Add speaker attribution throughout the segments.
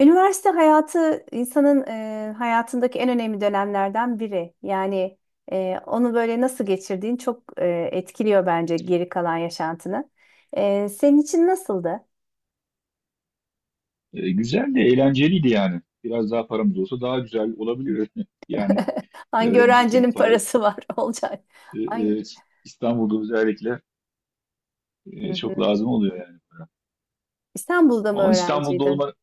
Speaker 1: Üniversite hayatı insanın hayatındaki en önemli dönemlerden biri. Yani onu böyle nasıl geçirdiğin çok etkiliyor bence geri kalan yaşantını. Senin için nasıldı?
Speaker 2: Güzel de eğlenceliydi yani. Biraz daha paramız olsa daha güzel olabilir. Yani
Speaker 1: Hangi
Speaker 2: öğrenciyken
Speaker 1: öğrencinin
Speaker 2: para
Speaker 1: parası var olacak?
Speaker 2: e,
Speaker 1: Hangi...
Speaker 2: e, İstanbul'da özellikle
Speaker 1: Hı
Speaker 2: çok
Speaker 1: hı.
Speaker 2: lazım oluyor yani para.
Speaker 1: İstanbul'da mı
Speaker 2: Ama İstanbul'da
Speaker 1: öğrenciydin?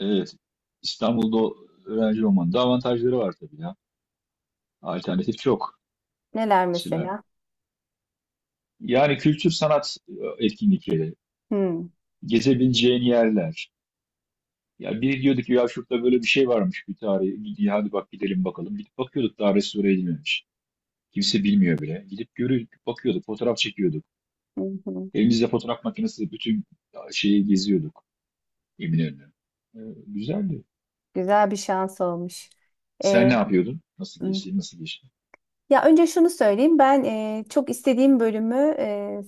Speaker 2: evet, İstanbul'da öğrenci olmanın da avantajları var tabii ya. Alternatif çok.
Speaker 1: Neler
Speaker 2: Mesela
Speaker 1: mesela?
Speaker 2: yani kültür sanat etkinlikleri,
Speaker 1: Hı,
Speaker 2: gezebileceğin yerler. Ya biri diyordu ki ya şurada böyle bir şey varmış bir tarihi. Hadi bak gidelim bakalım. Gidip bakıyorduk, daha restore edilmemiş. Kimse bilmiyor bile. Gidip görüyorduk, bakıyorduk, fotoğraf çekiyorduk.
Speaker 1: hı hı.
Speaker 2: Elimizde fotoğraf makinesi bütün şeyi geziyorduk, Eminönü'nü. Ee, Güzeldi.
Speaker 1: Güzel bir şans olmuş.
Speaker 2: Sen
Speaker 1: E,
Speaker 2: ne yapıyordun? Nasıl geçti? Nasıl geçti?
Speaker 1: Ya önce şunu söyleyeyim. Ben çok istediğim bölümü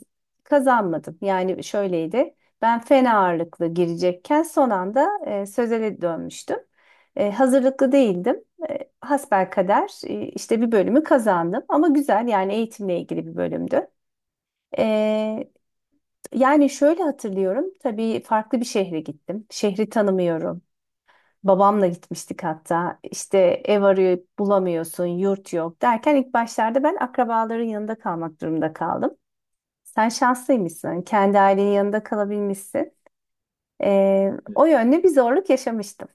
Speaker 1: kazanmadım. Yani şöyleydi. Ben fen ağırlıklı girecekken son anda sözele dönmüştüm. Hazırlıklı değildim. Hasbelkader işte bir bölümü kazandım. Ama güzel yani eğitimle ilgili bir bölümdü. E, Yani şöyle hatırlıyorum. Tabii farklı bir şehre gittim. Şehri tanımıyorum. Babamla gitmiştik hatta. İşte ev arayıp bulamıyorsun, yurt yok derken ilk başlarda ben akrabaların yanında kalmak durumunda kaldım. Sen şanslıymışsın. Kendi ailenin yanında kalabilmişsin. O yönde bir zorluk yaşamıştım.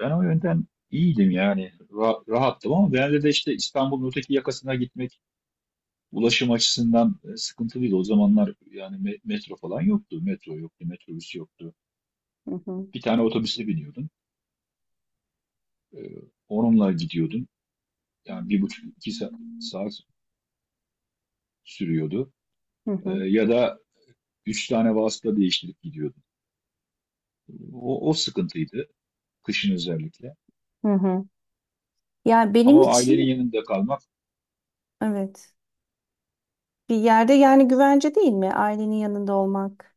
Speaker 2: Ben o yönden iyiydim yani. Rahattım, ama genelde de işte İstanbul'un öteki yakasına gitmek ulaşım açısından sıkıntılıydı. O zamanlar yani metro falan yoktu. Metro yoktu, metrobüs yoktu.
Speaker 1: Hı hı.
Speaker 2: Bir tane otobüse biniyordun. Ee, Onunla gidiyordun. Yani bir buçuk, iki saat sürüyordu.
Speaker 1: Hı hı.
Speaker 2: Ya da üç tane vasıta değiştirip gidiyordu. O sıkıntıydı, kışın özellikle.
Speaker 1: Hı hı. Yani benim
Speaker 2: Ama ailenin
Speaker 1: için
Speaker 2: yanında kalmak,
Speaker 1: evet, bir yerde yani güvence değil mi ailenin yanında olmak?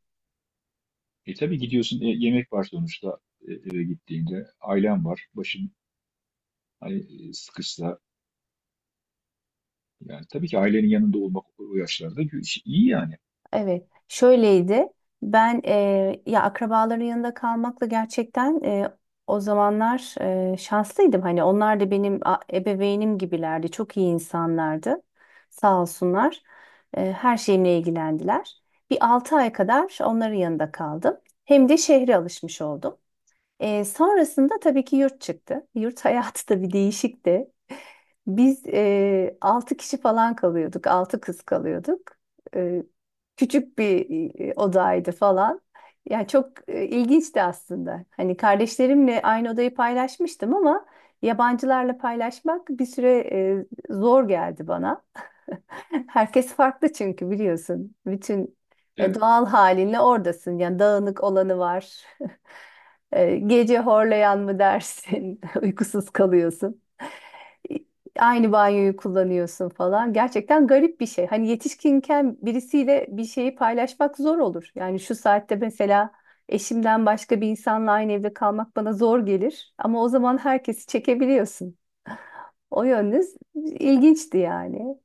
Speaker 2: tabii gidiyorsun, yemek var sonuçta eve gittiğinde. Ailen var, başın hani sıkışsa. Yani tabii ki ailenin yanında olmak o yaşlarda iyi yani.
Speaker 1: Evet, şöyleydi. Ben ya akrabaların yanında kalmakla gerçekten o zamanlar şanslıydım. Hani onlar da benim ebeveynim gibilerdi. Çok iyi insanlardı. Sağ olsunlar. Her şeyimle ilgilendiler. Bir 6 ay kadar onların yanında kaldım. Hem de şehre alışmış oldum. Sonrasında tabii ki yurt çıktı. Yurt hayatı da bir değişikti. Biz 6 kişi falan kalıyorduk. Altı kız kalıyorduk. E, Küçük bir odaydı falan. Yani çok ilginçti aslında. Hani kardeşlerimle aynı odayı paylaşmıştım ama yabancılarla paylaşmak bir süre zor geldi bana. Herkes farklı çünkü biliyorsun. Bütün
Speaker 2: Evet.
Speaker 1: doğal halinle oradasın. Yani dağınık olanı var. Gece horlayan mı dersin? Uykusuz kalıyorsun, aynı banyoyu kullanıyorsun falan. Gerçekten garip bir şey. Hani yetişkinken birisiyle bir şeyi paylaşmak zor olur. Yani şu saatte mesela eşimden başka bir insanla aynı evde kalmak bana zor gelir. Ama o zaman herkesi çekebiliyorsun. O yönünüz ilginçti yani.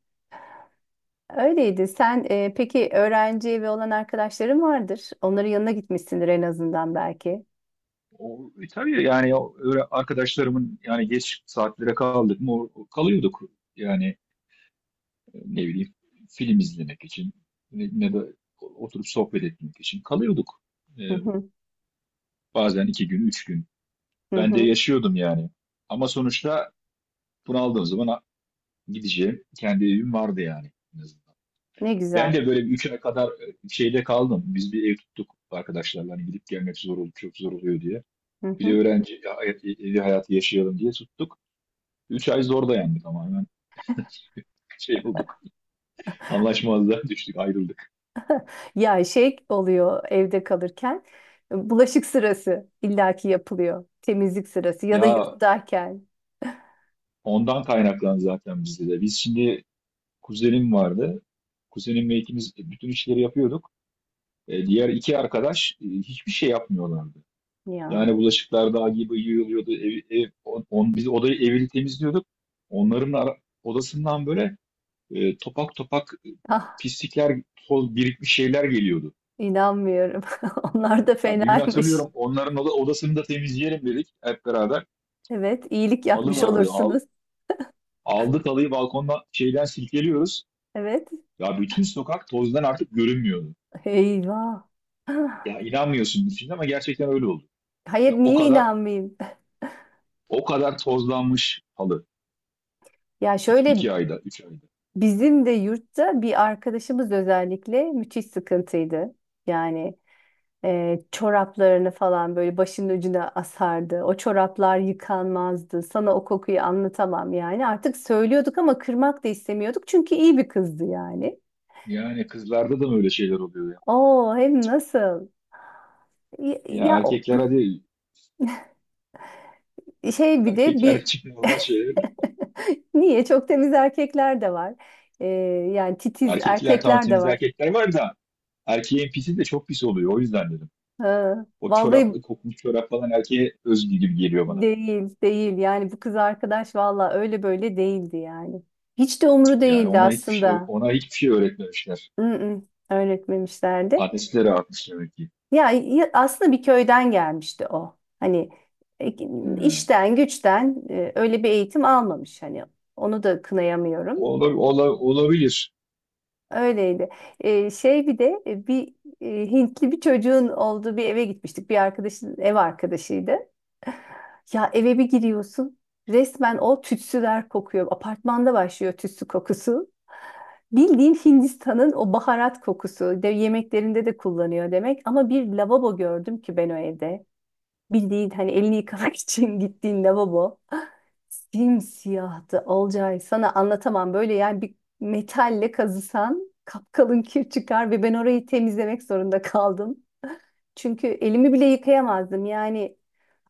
Speaker 1: Öyleydi. Sen peki öğrenci evi olan arkadaşların vardır. Onların yanına gitmişsindir en azından belki.
Speaker 2: Tabii yani öyle arkadaşlarımın yani, geç saatlere kaldık mı kalıyorduk. Yani ne bileyim, film izlemek için ne de oturup sohbet etmek için kalıyorduk. E,
Speaker 1: Hı hı,
Speaker 2: Bazen 2 gün, 3 gün.
Speaker 1: hı
Speaker 2: Ben de
Speaker 1: hı.
Speaker 2: yaşıyordum yani. Ama sonuçta bunaldığım zaman gideceğim kendi evim vardı yani, en azından.
Speaker 1: Ne
Speaker 2: Ben
Speaker 1: güzel.
Speaker 2: de böyle bir 3 ay kadar şeyde kaldım. Biz bir ev tuttuk arkadaşlarla, hani gidip gelmek zor oluyor, çok zor oluyor diye.
Speaker 1: Hı
Speaker 2: Bir de
Speaker 1: hı.
Speaker 2: öğrenci evi hayatı yaşayalım diye tuttuk. 3 ay zor dayandık, ama hemen şey bulduk. Anlaşmazlığa düştük, ayrıldık.
Speaker 1: Ya şey oluyor, evde kalırken bulaşık sırası illaki yapılıyor. Temizlik sırası ya da
Speaker 2: Ya
Speaker 1: yurttayken.
Speaker 2: ondan kaynaklan zaten bizde de. Biz şimdi kuzenim vardı. Kuzenimle ikimiz bütün işleri yapıyorduk. Diğer iki arkadaş hiçbir şey yapmıyorlardı.
Speaker 1: Ya,
Speaker 2: Yani bulaşıklar dağ gibi yığılıyordu. Biz odayı, evini temizliyorduk. Onların odasından böyle topak topak
Speaker 1: ah,
Speaker 2: pislikler, toz birikmiş şeyler geliyordu.
Speaker 1: inanmıyorum. Onlar da
Speaker 2: Ya bir gün
Speaker 1: fenaymış.
Speaker 2: hatırlıyorum, onların odasını da temizleyelim dedik hep beraber.
Speaker 1: Evet, iyilik
Speaker 2: Halı
Speaker 1: yapmış
Speaker 2: vardı.
Speaker 1: olursunuz.
Speaker 2: Aldık halıyı, balkondan şeyden silkeliyoruz.
Speaker 1: Evet.
Speaker 2: Ya bütün sokak tozdan artık görünmüyordu.
Speaker 1: Eyvah.
Speaker 2: Ya inanmıyorsun şimdi, ama gerçekten öyle oldu.
Speaker 1: Hayır,
Speaker 2: Ya o
Speaker 1: niye
Speaker 2: kadar
Speaker 1: inanmayayım?
Speaker 2: o kadar tozlanmış halı.
Speaker 1: Ya şöyle,
Speaker 2: İki ayda, üç ayda.
Speaker 1: bizim de yurtta bir arkadaşımız özellikle müthiş sıkıntıydı. Yani çoraplarını falan böyle başının ucuna asardı. O çoraplar yıkanmazdı. Sana o kokuyu anlatamam yani. Artık söylüyorduk ama kırmak da istemiyorduk. Çünkü iyi bir kızdı yani.
Speaker 2: Yani kızlarda da mı öyle şeyler oluyor ya?
Speaker 1: Oo, hem nasıl? Ya,
Speaker 2: Ya
Speaker 1: ya o
Speaker 2: erkekler hadi,
Speaker 1: şey, bir de
Speaker 2: erkekler
Speaker 1: bir
Speaker 2: için normal şeyler.
Speaker 1: niye? Çok temiz erkekler de var. E, Yani titiz
Speaker 2: Erkekler, tamam,
Speaker 1: erkekler de
Speaker 2: temiz
Speaker 1: var.
Speaker 2: erkekler var da erkeğin pisi de çok pis oluyor. O yüzden dedim.
Speaker 1: Ha,
Speaker 2: O
Speaker 1: vallahi
Speaker 2: çoraplı, kokmuş çorap falan erkeğe özgü gibi geliyor bana.
Speaker 1: değil, değil. Yani bu kız arkadaş vallahi öyle böyle değildi yani. Hiç de umru
Speaker 2: Yani
Speaker 1: değildi aslında.
Speaker 2: ona hiçbir şey öğretmemişler.
Speaker 1: Mm-mm, öğretmemişlerdi.
Speaker 2: Annesi de rahatmış demek ki.
Speaker 1: Ya, aslında bir köyden gelmişti o. Hani e,
Speaker 2: He.
Speaker 1: işten güçten öyle bir eğitim almamış hani. Onu da kınayamıyorum.
Speaker 2: Olabilir.
Speaker 1: Öyleydi. Şey, bir de bir Hintli bir çocuğun olduğu bir eve gitmiştik. Bir arkadaşın ev arkadaşıydı. Ya eve bir giriyorsun. Resmen o tütsüler kokuyor. Apartmanda başlıyor tütsü kokusu. Bildiğin Hindistan'ın o baharat kokusu. De, yemeklerinde de kullanıyor demek. Ama bir lavabo gördüm ki ben o evde. Bildiğin hani elini yıkamak için gittiğin lavabo. Simsiyahtı Olcay. Sana anlatamam. Böyle yani bir metalle kazısan kapkalın kir çıkar ve ben orayı temizlemek zorunda kaldım. Çünkü elimi bile yıkayamazdım. Yani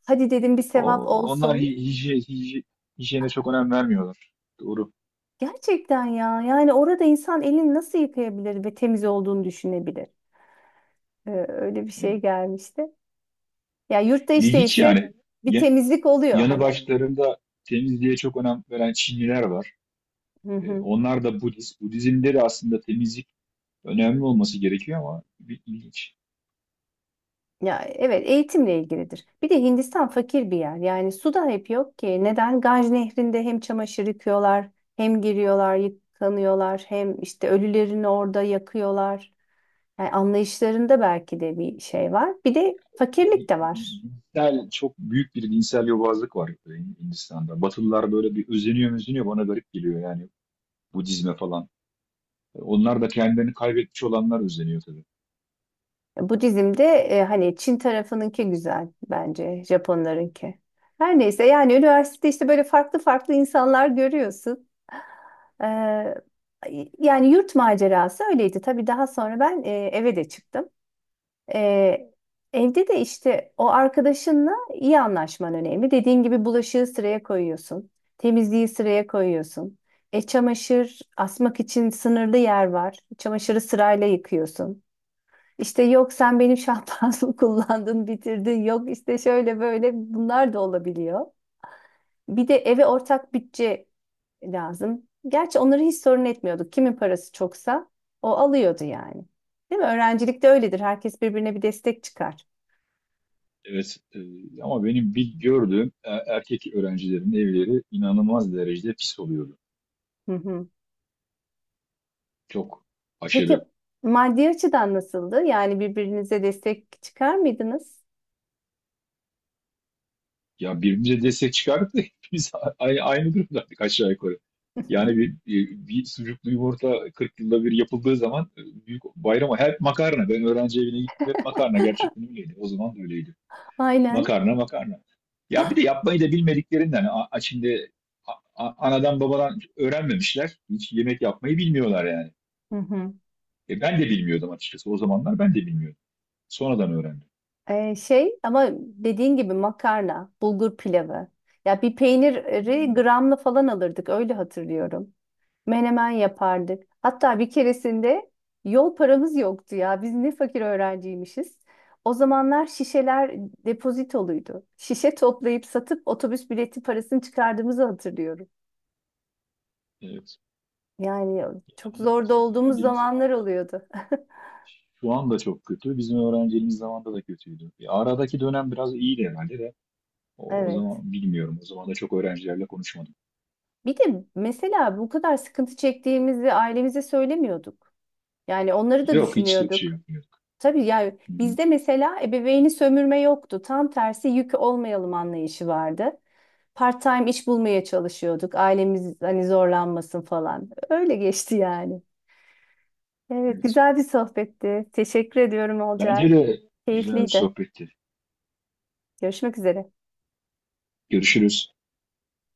Speaker 1: hadi dedim, bir sevap
Speaker 2: Onlar
Speaker 1: olsun.
Speaker 2: hijyene çok önem vermiyorlar. Doğru.
Speaker 1: Gerçekten ya. Yani orada insan elini nasıl yıkayabilir ve temiz olduğunu düşünebilir? Öyle bir
Speaker 2: Evet.
Speaker 1: şey gelmişti. Ya yurtta işte
Speaker 2: İlginç
Speaker 1: ise
Speaker 2: yani.
Speaker 1: bir temizlik oluyor
Speaker 2: Yanı
Speaker 1: hani.
Speaker 2: başlarında temizliğe çok önem veren Çinliler var.
Speaker 1: Hı hı.
Speaker 2: Onlar da Budist. Budizmde de aslında temizlik önemli olması gerekiyor, ama bir ilginç.
Speaker 1: Ya evet, eğitimle ilgilidir. Bir de Hindistan fakir bir yer. Yani su da hep yok ki. Neden? Ganj Nehri'nde hem çamaşır yıkıyorlar, hem giriyorlar, yıkanıyorlar, hem işte ölülerini orada yakıyorlar. Yani anlayışlarında belki de bir şey var. Bir de
Speaker 2: Di-
Speaker 1: fakirlik de var.
Speaker 2: Dinsel, çok büyük bir dinsel yobazlık var Hindistan'da. Batılılar böyle bir özeniyor özeniyor, bana garip geliyor yani, Budizme falan. Onlar da kendilerini kaybetmiş olanlar özeniyor tabii.
Speaker 1: Budizm'de hani Çin tarafınınki güzel, bence Japonlarınki. Her neyse, yani üniversitede işte böyle farklı farklı insanlar görüyorsun. Ee, Yani yurt macerası öyleydi. Tabii daha sonra ben eve de çıktım. Ee, Evde de işte o arkadaşınla iyi anlaşman önemli. Dediğin gibi bulaşığı sıraya koyuyorsun. Temizliği sıraya koyuyorsun. Çamaşır asmak için sınırlı yer var. Çamaşırı sırayla yıkıyorsun. İşte yok sen benim şampuanımı kullandın, bitirdin. Yok işte şöyle böyle, bunlar da olabiliyor. Bir de eve ortak bütçe lazım. Gerçi onları hiç sorun etmiyorduk. Kimin parası çoksa o alıyordu yani. Değil mi? Öğrencilikte öyledir. Herkes birbirine bir destek çıkar.
Speaker 2: Evet, ama benim bir gördüğüm erkek öğrencilerin evleri inanılmaz derecede pis oluyordu.
Speaker 1: Hı hı.
Speaker 2: Çok
Speaker 1: Peki
Speaker 2: aşırı.
Speaker 1: maddi açıdan nasıldı? Yani birbirinize destek çıkar mıydınız?
Speaker 2: Ya birbirimize destek çıkardık da hepimiz aynı durumdaydık, aşağı yukarı. Yani bir sucuklu yumurta 40 yılda bir yapıldığı zaman, büyük bayrama hep makarna. Ben öğrenci evine gittim, hep makarna, gerçekten öyleydi. O zaman da öyleydi.
Speaker 1: Aynen.
Speaker 2: Makarna makarna. Ya bir de yapmayı da bilmediklerinden, şimdi a- anadan babadan öğrenmemişler. Hiç yemek yapmayı bilmiyorlar yani.
Speaker 1: Hı hı.
Speaker 2: Ben de bilmiyordum açıkçası. O zamanlar ben de bilmiyordum. Sonradan öğrendim.
Speaker 1: Şey, ama dediğin gibi makarna, bulgur pilavı. Ya bir peyniri
Speaker 2: Hmm,
Speaker 1: gramla falan alırdık, öyle hatırlıyorum. Menemen yapardık. Hatta bir keresinde yol paramız yoktu ya. Biz ne fakir öğrenciymişiz. O zamanlar şişeler depozitoluydu. Şişe toplayıp satıp otobüs bileti parasını çıkardığımızı hatırlıyorum.
Speaker 2: evet.
Speaker 1: Yani çok
Speaker 2: Yani
Speaker 1: zorda
Speaker 2: bizim
Speaker 1: olduğumuz
Speaker 2: öğrenciliğimiz.
Speaker 1: zamanlar oluyordu.
Speaker 2: Şu anda çok kötü. Bizim öğrenciliğimiz zamanında da kötüydü. Ya aradaki dönem biraz iyiydi herhalde de. O
Speaker 1: Evet.
Speaker 2: zaman bilmiyorum. O zaman da çok öğrencilerle konuşmadım.
Speaker 1: Bir de mesela bu kadar sıkıntı çektiğimizi ailemize söylemiyorduk. Yani onları da
Speaker 2: Yok, hiç de şey
Speaker 1: düşünüyorduk.
Speaker 2: yapmıyorduk.
Speaker 1: Tabii yani
Speaker 2: Hı hı,
Speaker 1: bizde mesela ebeveyni sömürme yoktu. Tam tersi yük olmayalım anlayışı vardı. Part-time iş bulmaya çalışıyorduk. Ailemiz hani zorlanmasın falan. Öyle geçti yani. Evet,
Speaker 2: evet.
Speaker 1: güzel bir sohbetti. Teşekkür ediyorum
Speaker 2: Bence
Speaker 1: Olcay.
Speaker 2: de güzel bir
Speaker 1: Keyifliydi.
Speaker 2: sohbetti.
Speaker 1: Görüşmek üzere.
Speaker 2: Görüşürüz.